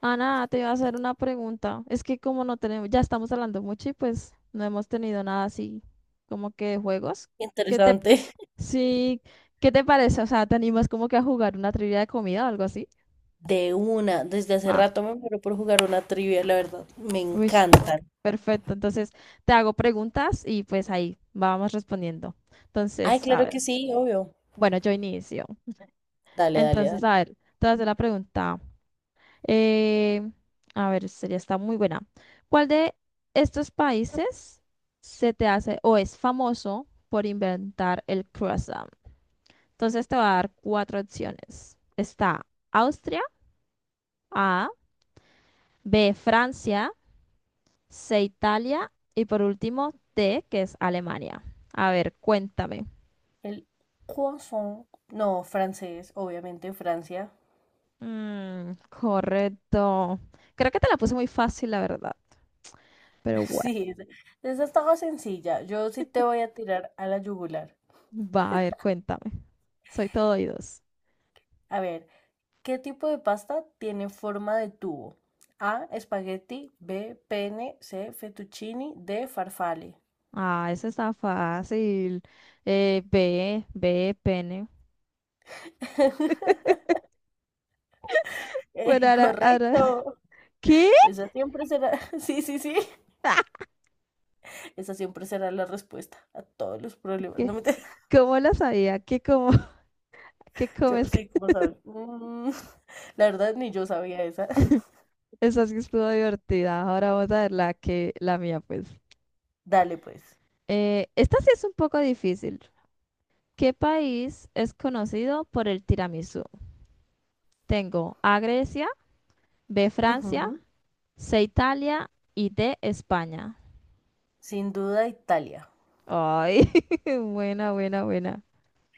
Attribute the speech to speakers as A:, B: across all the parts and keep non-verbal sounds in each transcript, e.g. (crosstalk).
A: Ana, te iba a hacer una pregunta. Es que como no tenemos, ya estamos hablando mucho y pues no hemos tenido nada así como que de juegos. ¿Qué te,
B: Interesante.
A: sí, qué te parece? O sea, ¿te animas como que a jugar una trivia de comida o algo así?
B: De una, desde hace
A: Va.
B: rato me muero por jugar una trivia, la verdad. Me
A: Uy,
B: encantan.
A: perfecto. Entonces, te hago preguntas y pues ahí vamos respondiendo.
B: Ay,
A: Entonces, a
B: claro
A: ver.
B: que sí, obvio.
A: Bueno, yo inicio.
B: Dale, dale,
A: Entonces,
B: dale.
A: a ver, te voy a hacer la pregunta. Eh, a ver, esta ya está muy buena. ¿Cuál de estos países se te hace o es famoso por inventar el croissant? Entonces te voy a dar cuatro opciones. Está Austria, A, B, Francia, C, Italia y por último D, que es Alemania. A ver, cuéntame.
B: El croissant. No, francés, obviamente, Francia.
A: Mm, correcto. Creo que te la puse muy fácil, la verdad.
B: (laughs)
A: Pero bueno,
B: Sí, esa estaba sencilla. Yo sí te voy a tirar a la yugular.
A: va, a ver, cuéntame. Soy todo oídos.
B: A ver, ¿qué tipo de pasta tiene forma de tubo? A, espagueti, B, pene, C, fettuccini, D, farfalle.
A: Ah, eso está fácil. B, pene.
B: (laughs)
A: Bueno, ahora. (laughs)
B: Correcto.
A: ¿Qué?
B: Esa siempre será, (laughs) sí, sí, sí, esa siempre será la respuesta a todos los problemas. No
A: ¿Qué?
B: me te... (laughs)
A: ¿Cómo lo sabía? ¿Qué como? (laughs) ¿Qué
B: Yo
A: comes?
B: sí, como sabes. Mm, (laughs) la verdad, ni yo sabía esa.
A: (laughs)
B: (laughs)
A: Esa sí estuvo divertida. Ahora vamos a ver la mía, pues.
B: Dale, pues.
A: Esta sí es un poco difícil. ¿Qué país es conocido por el tiramisú? Tengo A Grecia, B Francia,
B: Ujú.
A: C Italia y D España.
B: Sin duda, Italia.
A: Ay, (laughs) buena, buena, buena.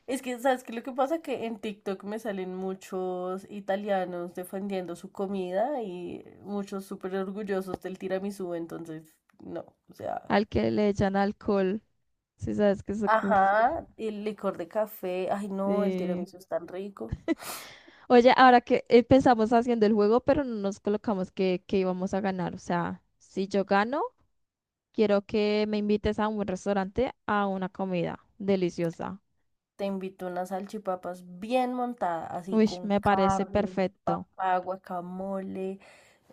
B: Es que, ¿sabes qué? Lo que pasa que en TikTok me salen muchos italianos defendiendo su comida y muchos súper orgullosos del tiramisú, entonces, no, o sea.
A: Al que le echan alcohol. Sí, sabes que es.
B: Ajá, y el licor de café. Ay, no, el
A: Sí.
B: tiramisú es tan rico.
A: Oye, ahora que empezamos haciendo el juego, pero no nos colocamos que íbamos a ganar. O sea, si yo gano, quiero que me invites a un buen restaurante a una comida deliciosa.
B: Te invito unas salchipapas bien montadas, así
A: Uy,
B: con
A: me parece
B: carne,
A: perfecto.
B: papá, guacamole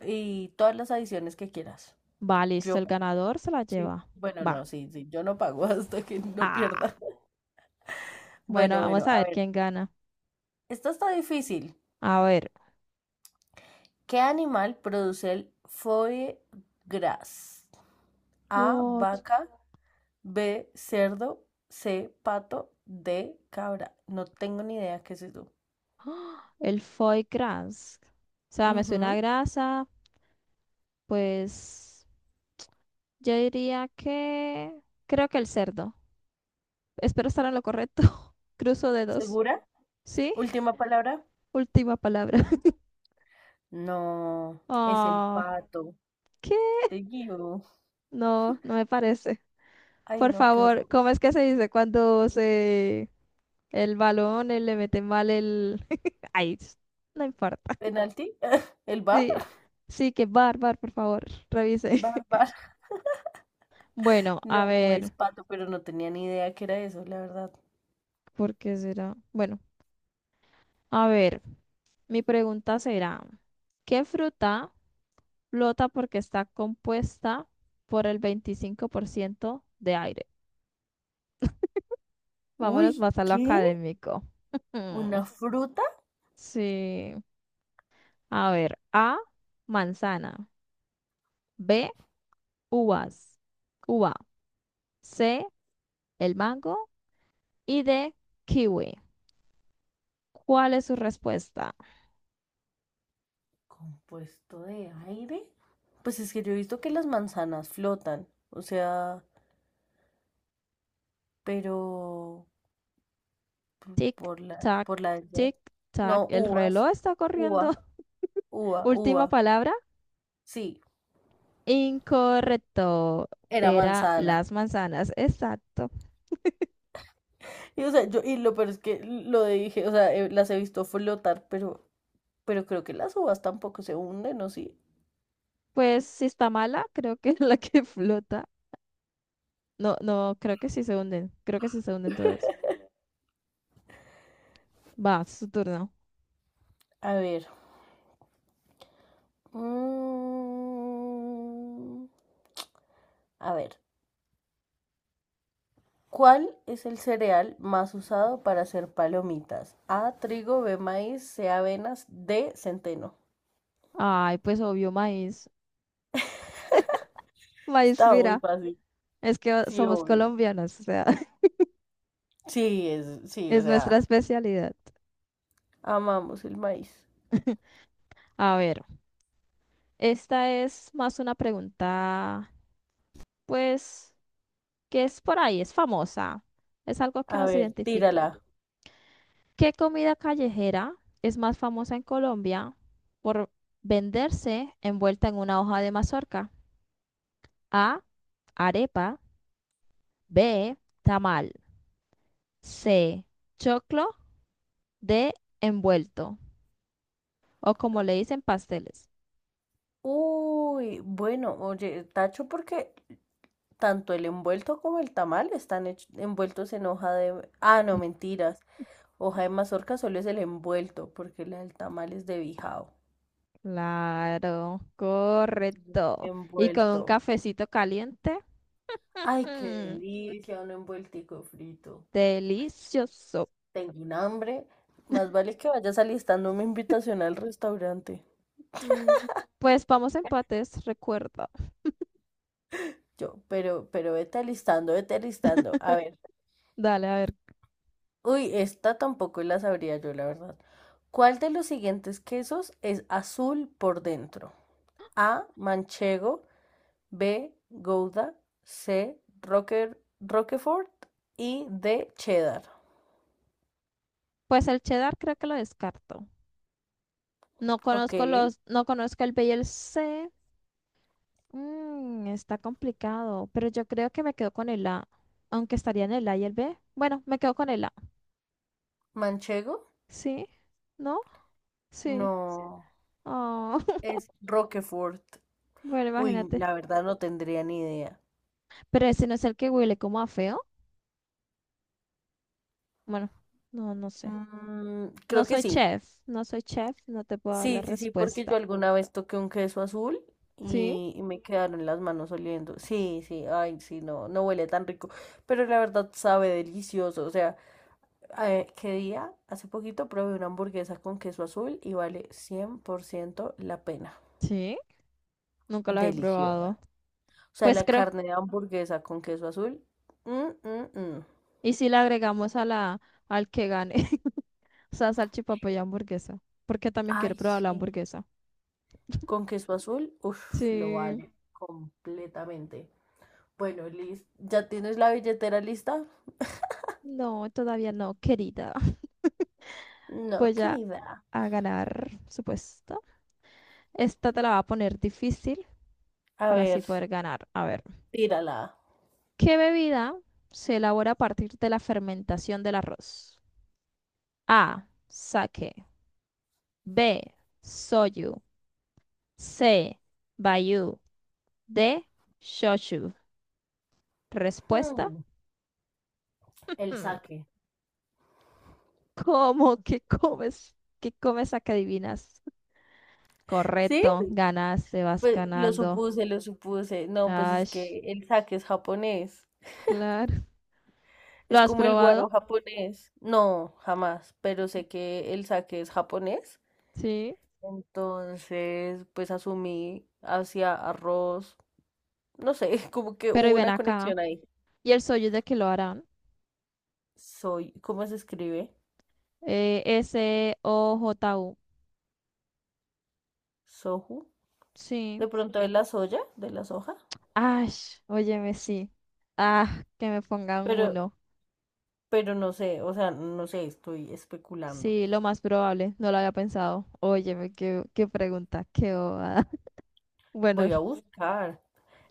B: y todas las adiciones que quieras.
A: Va, listo,
B: Yo,
A: el ganador se la
B: sí,
A: lleva.
B: bueno,
A: Va.
B: no, sí, sí, yo no pago (laughs) hasta que no
A: Ah,
B: pierda.
A: bueno,
B: Bueno,
A: vamos
B: bueno,
A: a
B: a
A: ver
B: ver,
A: quién gana.
B: esto está difícil.
A: A ver.
B: ¿Qué animal produce el foie gras? A,
A: What?
B: vaca, B, cerdo, C, pato, D, cabra. No tengo ni idea qué es eso.
A: El foie gras. O sea, me suena a
B: Ujú.
A: grasa. Pues yo diría que... Creo que el cerdo. Espero estar en lo correcto. (laughs) Cruzo dedos.
B: ¿Segura?
A: ¿Sí?
B: Última palabra.
A: Última palabra. (laughs)
B: No, es el
A: Oh,
B: pato.
A: ¿qué?
B: Te guío.
A: No, no me parece.
B: Ay,
A: Por
B: no, qué
A: favor,
B: horror.
A: ¿cómo es que se dice cuando se el balón le mete mal el... (laughs) Ay, no importa.
B: ¿Penalti? (laughs) ¿El bar?
A: Sí, sí, que bar, bar, por favor, revise.
B: Bar,
A: (laughs)
B: bar.
A: Bueno, a
B: No, es
A: ver,
B: pato, pero no tenía ni idea que era eso, la verdad.
A: ¿por qué será? Bueno, a ver, mi pregunta será, ¿qué fruta flota porque está compuesta por el 25% de aire? Vámonos
B: Uy,
A: más a lo
B: ¿qué?
A: académico.
B: ¿Una
A: (laughs)
B: fruta?
A: Sí. A ver, A, manzana. B, uvas. Uva. C, el mango. Y D, kiwi. ¿Cuál es su respuesta?
B: ¿Compuesto de aire? Pues es que yo he visto que las manzanas flotan. O sea, pero
A: Tic, tac,
B: por la edad.
A: tic, tac.
B: No,
A: El
B: uvas.
A: reloj está corriendo.
B: Uva,
A: (laughs)
B: uva,
A: Última
B: uva.
A: palabra.
B: Sí,
A: Incorrecto.
B: era
A: Era
B: manzana.
A: las manzanas. Exacto.
B: Y, o sea, yo, y lo peor es que lo dije, o sea, las he visto flotar, pero creo que las uvas tampoco se hunden, o sí.
A: Pues si está mala, creo que (laughs) es la que flota. No, no, creo que sí se hunden. Creo que sí se hunden todas. Va, es su turno.
B: A ver. mm, a ver. ¿Cuál es el cereal más usado para hacer palomitas? A, trigo, B, maíz, C, avenas, D, centeno.
A: Ay, pues obvio, maíz. Maíz,
B: Está muy
A: mira,
B: fácil.
A: es que
B: Sí,
A: somos
B: obvio.
A: colombianos, o sea, (laughs)
B: Sí, es, sí, o
A: es nuestra
B: sea,
A: especialidad.
B: amamos el maíz.
A: A ver, esta es más una pregunta, pues, que es por ahí, es famosa, es algo que
B: A
A: nos
B: ver,
A: identifica.
B: tírala.
A: ¿Qué comida callejera es más famosa en Colombia por venderse envuelta en una hoja de mazorca? A, arepa, B, tamal, C, choclo, D, envuelto. O como le dicen, pasteles.
B: Uy, bueno, oye, tacho, porque tanto el envuelto como el tamal están envueltos en hoja de... Ah, no, mentiras. Hoja de mazorca solo es el envuelto, porque la del tamal es de bijao.
A: Claro, correcto. Y con un
B: Envuelto.
A: cafecito caliente.
B: Ay, qué
A: mm,
B: delicia, un envueltico frito.
A: delicioso.
B: Tengo un hambre. Más vale que vayas alistando una invitación al restaurante.
A: Mm,
B: (laughs)
A: pues vamos a empates, recuerda.
B: Yo, pero vete alistando, vete alistando. A
A: (laughs)
B: ver.
A: Dale, a ver.
B: Uy, esta tampoco la sabría yo, la verdad. ¿Cuál de los siguientes quesos es azul por dentro? A. Manchego. B. Gouda. C. Rocker, Roquefort. Y D. Cheddar.
A: Pues el cheddar creo que lo descarto.
B: Ok.
A: No conozco el B y el C. Mm, está complicado, pero yo creo que me quedo con el A, aunque estaría en el A y el B. Bueno, me quedo con el A.
B: Manchego.
A: ¿Sí? ¿No? Sí.
B: No.
A: Oh, (laughs)
B: Es Roquefort.
A: bueno,
B: Uy,
A: imagínate.
B: la verdad no tendría ni idea.
A: Pero ese no es el que huele como a feo. Bueno, no, no sé.
B: Mm,
A: No
B: creo que
A: soy
B: sí.
A: chef, no soy chef, no te puedo dar la
B: Sí, sí, sí, porque yo
A: respuesta.
B: alguna vez toqué un queso azul
A: ¿Sí?
B: y me quedaron las manos oliendo. Sí, sí, ay, sí, no, no huele tan rico, pero la verdad sabe delicioso. O sea, ¿qué día? Hace poquito probé una hamburguesa con queso azul y vale 100% la pena.
A: Sí, nunca lo he
B: Deliciosa.
A: probado.
B: O sea,
A: Pues
B: la
A: creo.
B: carne de hamburguesa con queso azul. mm, mm, mm.
A: ¿Y si le agregamos a la, al que gane? (laughs) O sea, salchipapa y hamburguesa. Porque también quiero
B: Ay,
A: probar la
B: sí.
A: hamburguesa.
B: Con queso azul, uff, lo
A: Sí.
B: vale completamente. Bueno, Liz, ¿ya tienes la billetera lista?
A: No, todavía no, querida. (laughs)
B: No,
A: Voy a,
B: querida.
A: a ganar, supuesto. Esta te la va a poner difícil
B: A
A: para así
B: ver,
A: poder ganar. A ver.
B: tírala.
A: ¿Qué bebida se elabora a partir de la fermentación del arroz? A. Sake. B. Soyu. C. Bayu. D. Shochu. Respuesta.
B: Hmm, el
A: Mm,
B: saque.
A: ¿cómo (laughs) que comes? ¿Qué comes a que adivinas?
B: ¿Sí?
A: Correcto. Ganaste, vas
B: Pues lo
A: ganando.
B: supuse, lo supuse. No, pues es
A: Ash,
B: que el saque es japonés.
A: claro. ¿Lo
B: Es
A: has
B: como el guaro
A: probado?
B: japonés. No, jamás, pero sé que el sake es japonés.
A: Sí.
B: Entonces, pues asumí hacia arroz. No sé, (laughs) como que
A: Pero y
B: hubo
A: ven
B: una
A: acá.
B: conexión ahí.
A: ¿Y el soyu de qué lo harán?
B: Soy, ¿cómo se escribe?
A: SOJU.
B: Soju.
A: Sí.
B: De pronto de la soya, de la soja.
A: Ash, óyeme, sí. Ah, que me pongan
B: Pero,
A: uno.
B: pero no sé, o sea, no sé, estoy especulando.
A: Sí, lo más probable, no lo había pensado. Óyeme, qué, qué pregunta, qué bobada. (laughs) Bueno,
B: Voy a buscar.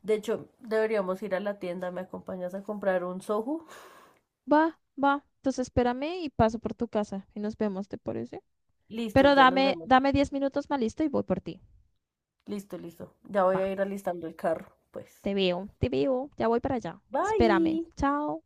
B: De hecho, deberíamos ir a la tienda. ¿Me acompañas a comprar un soju? (laughs)
A: va, va. Entonces espérame y paso por tu casa y nos vemos, ¿te parece?
B: Listo,
A: Pero
B: ya nos
A: dame,
B: vemos.
A: dame 10 minutos más listo y voy por ti.
B: Listo, listo. Ya voy
A: Va,
B: a ir alistando el carro, pues.
A: te veo, ya voy para allá. Espérame,
B: Bye.
A: chao.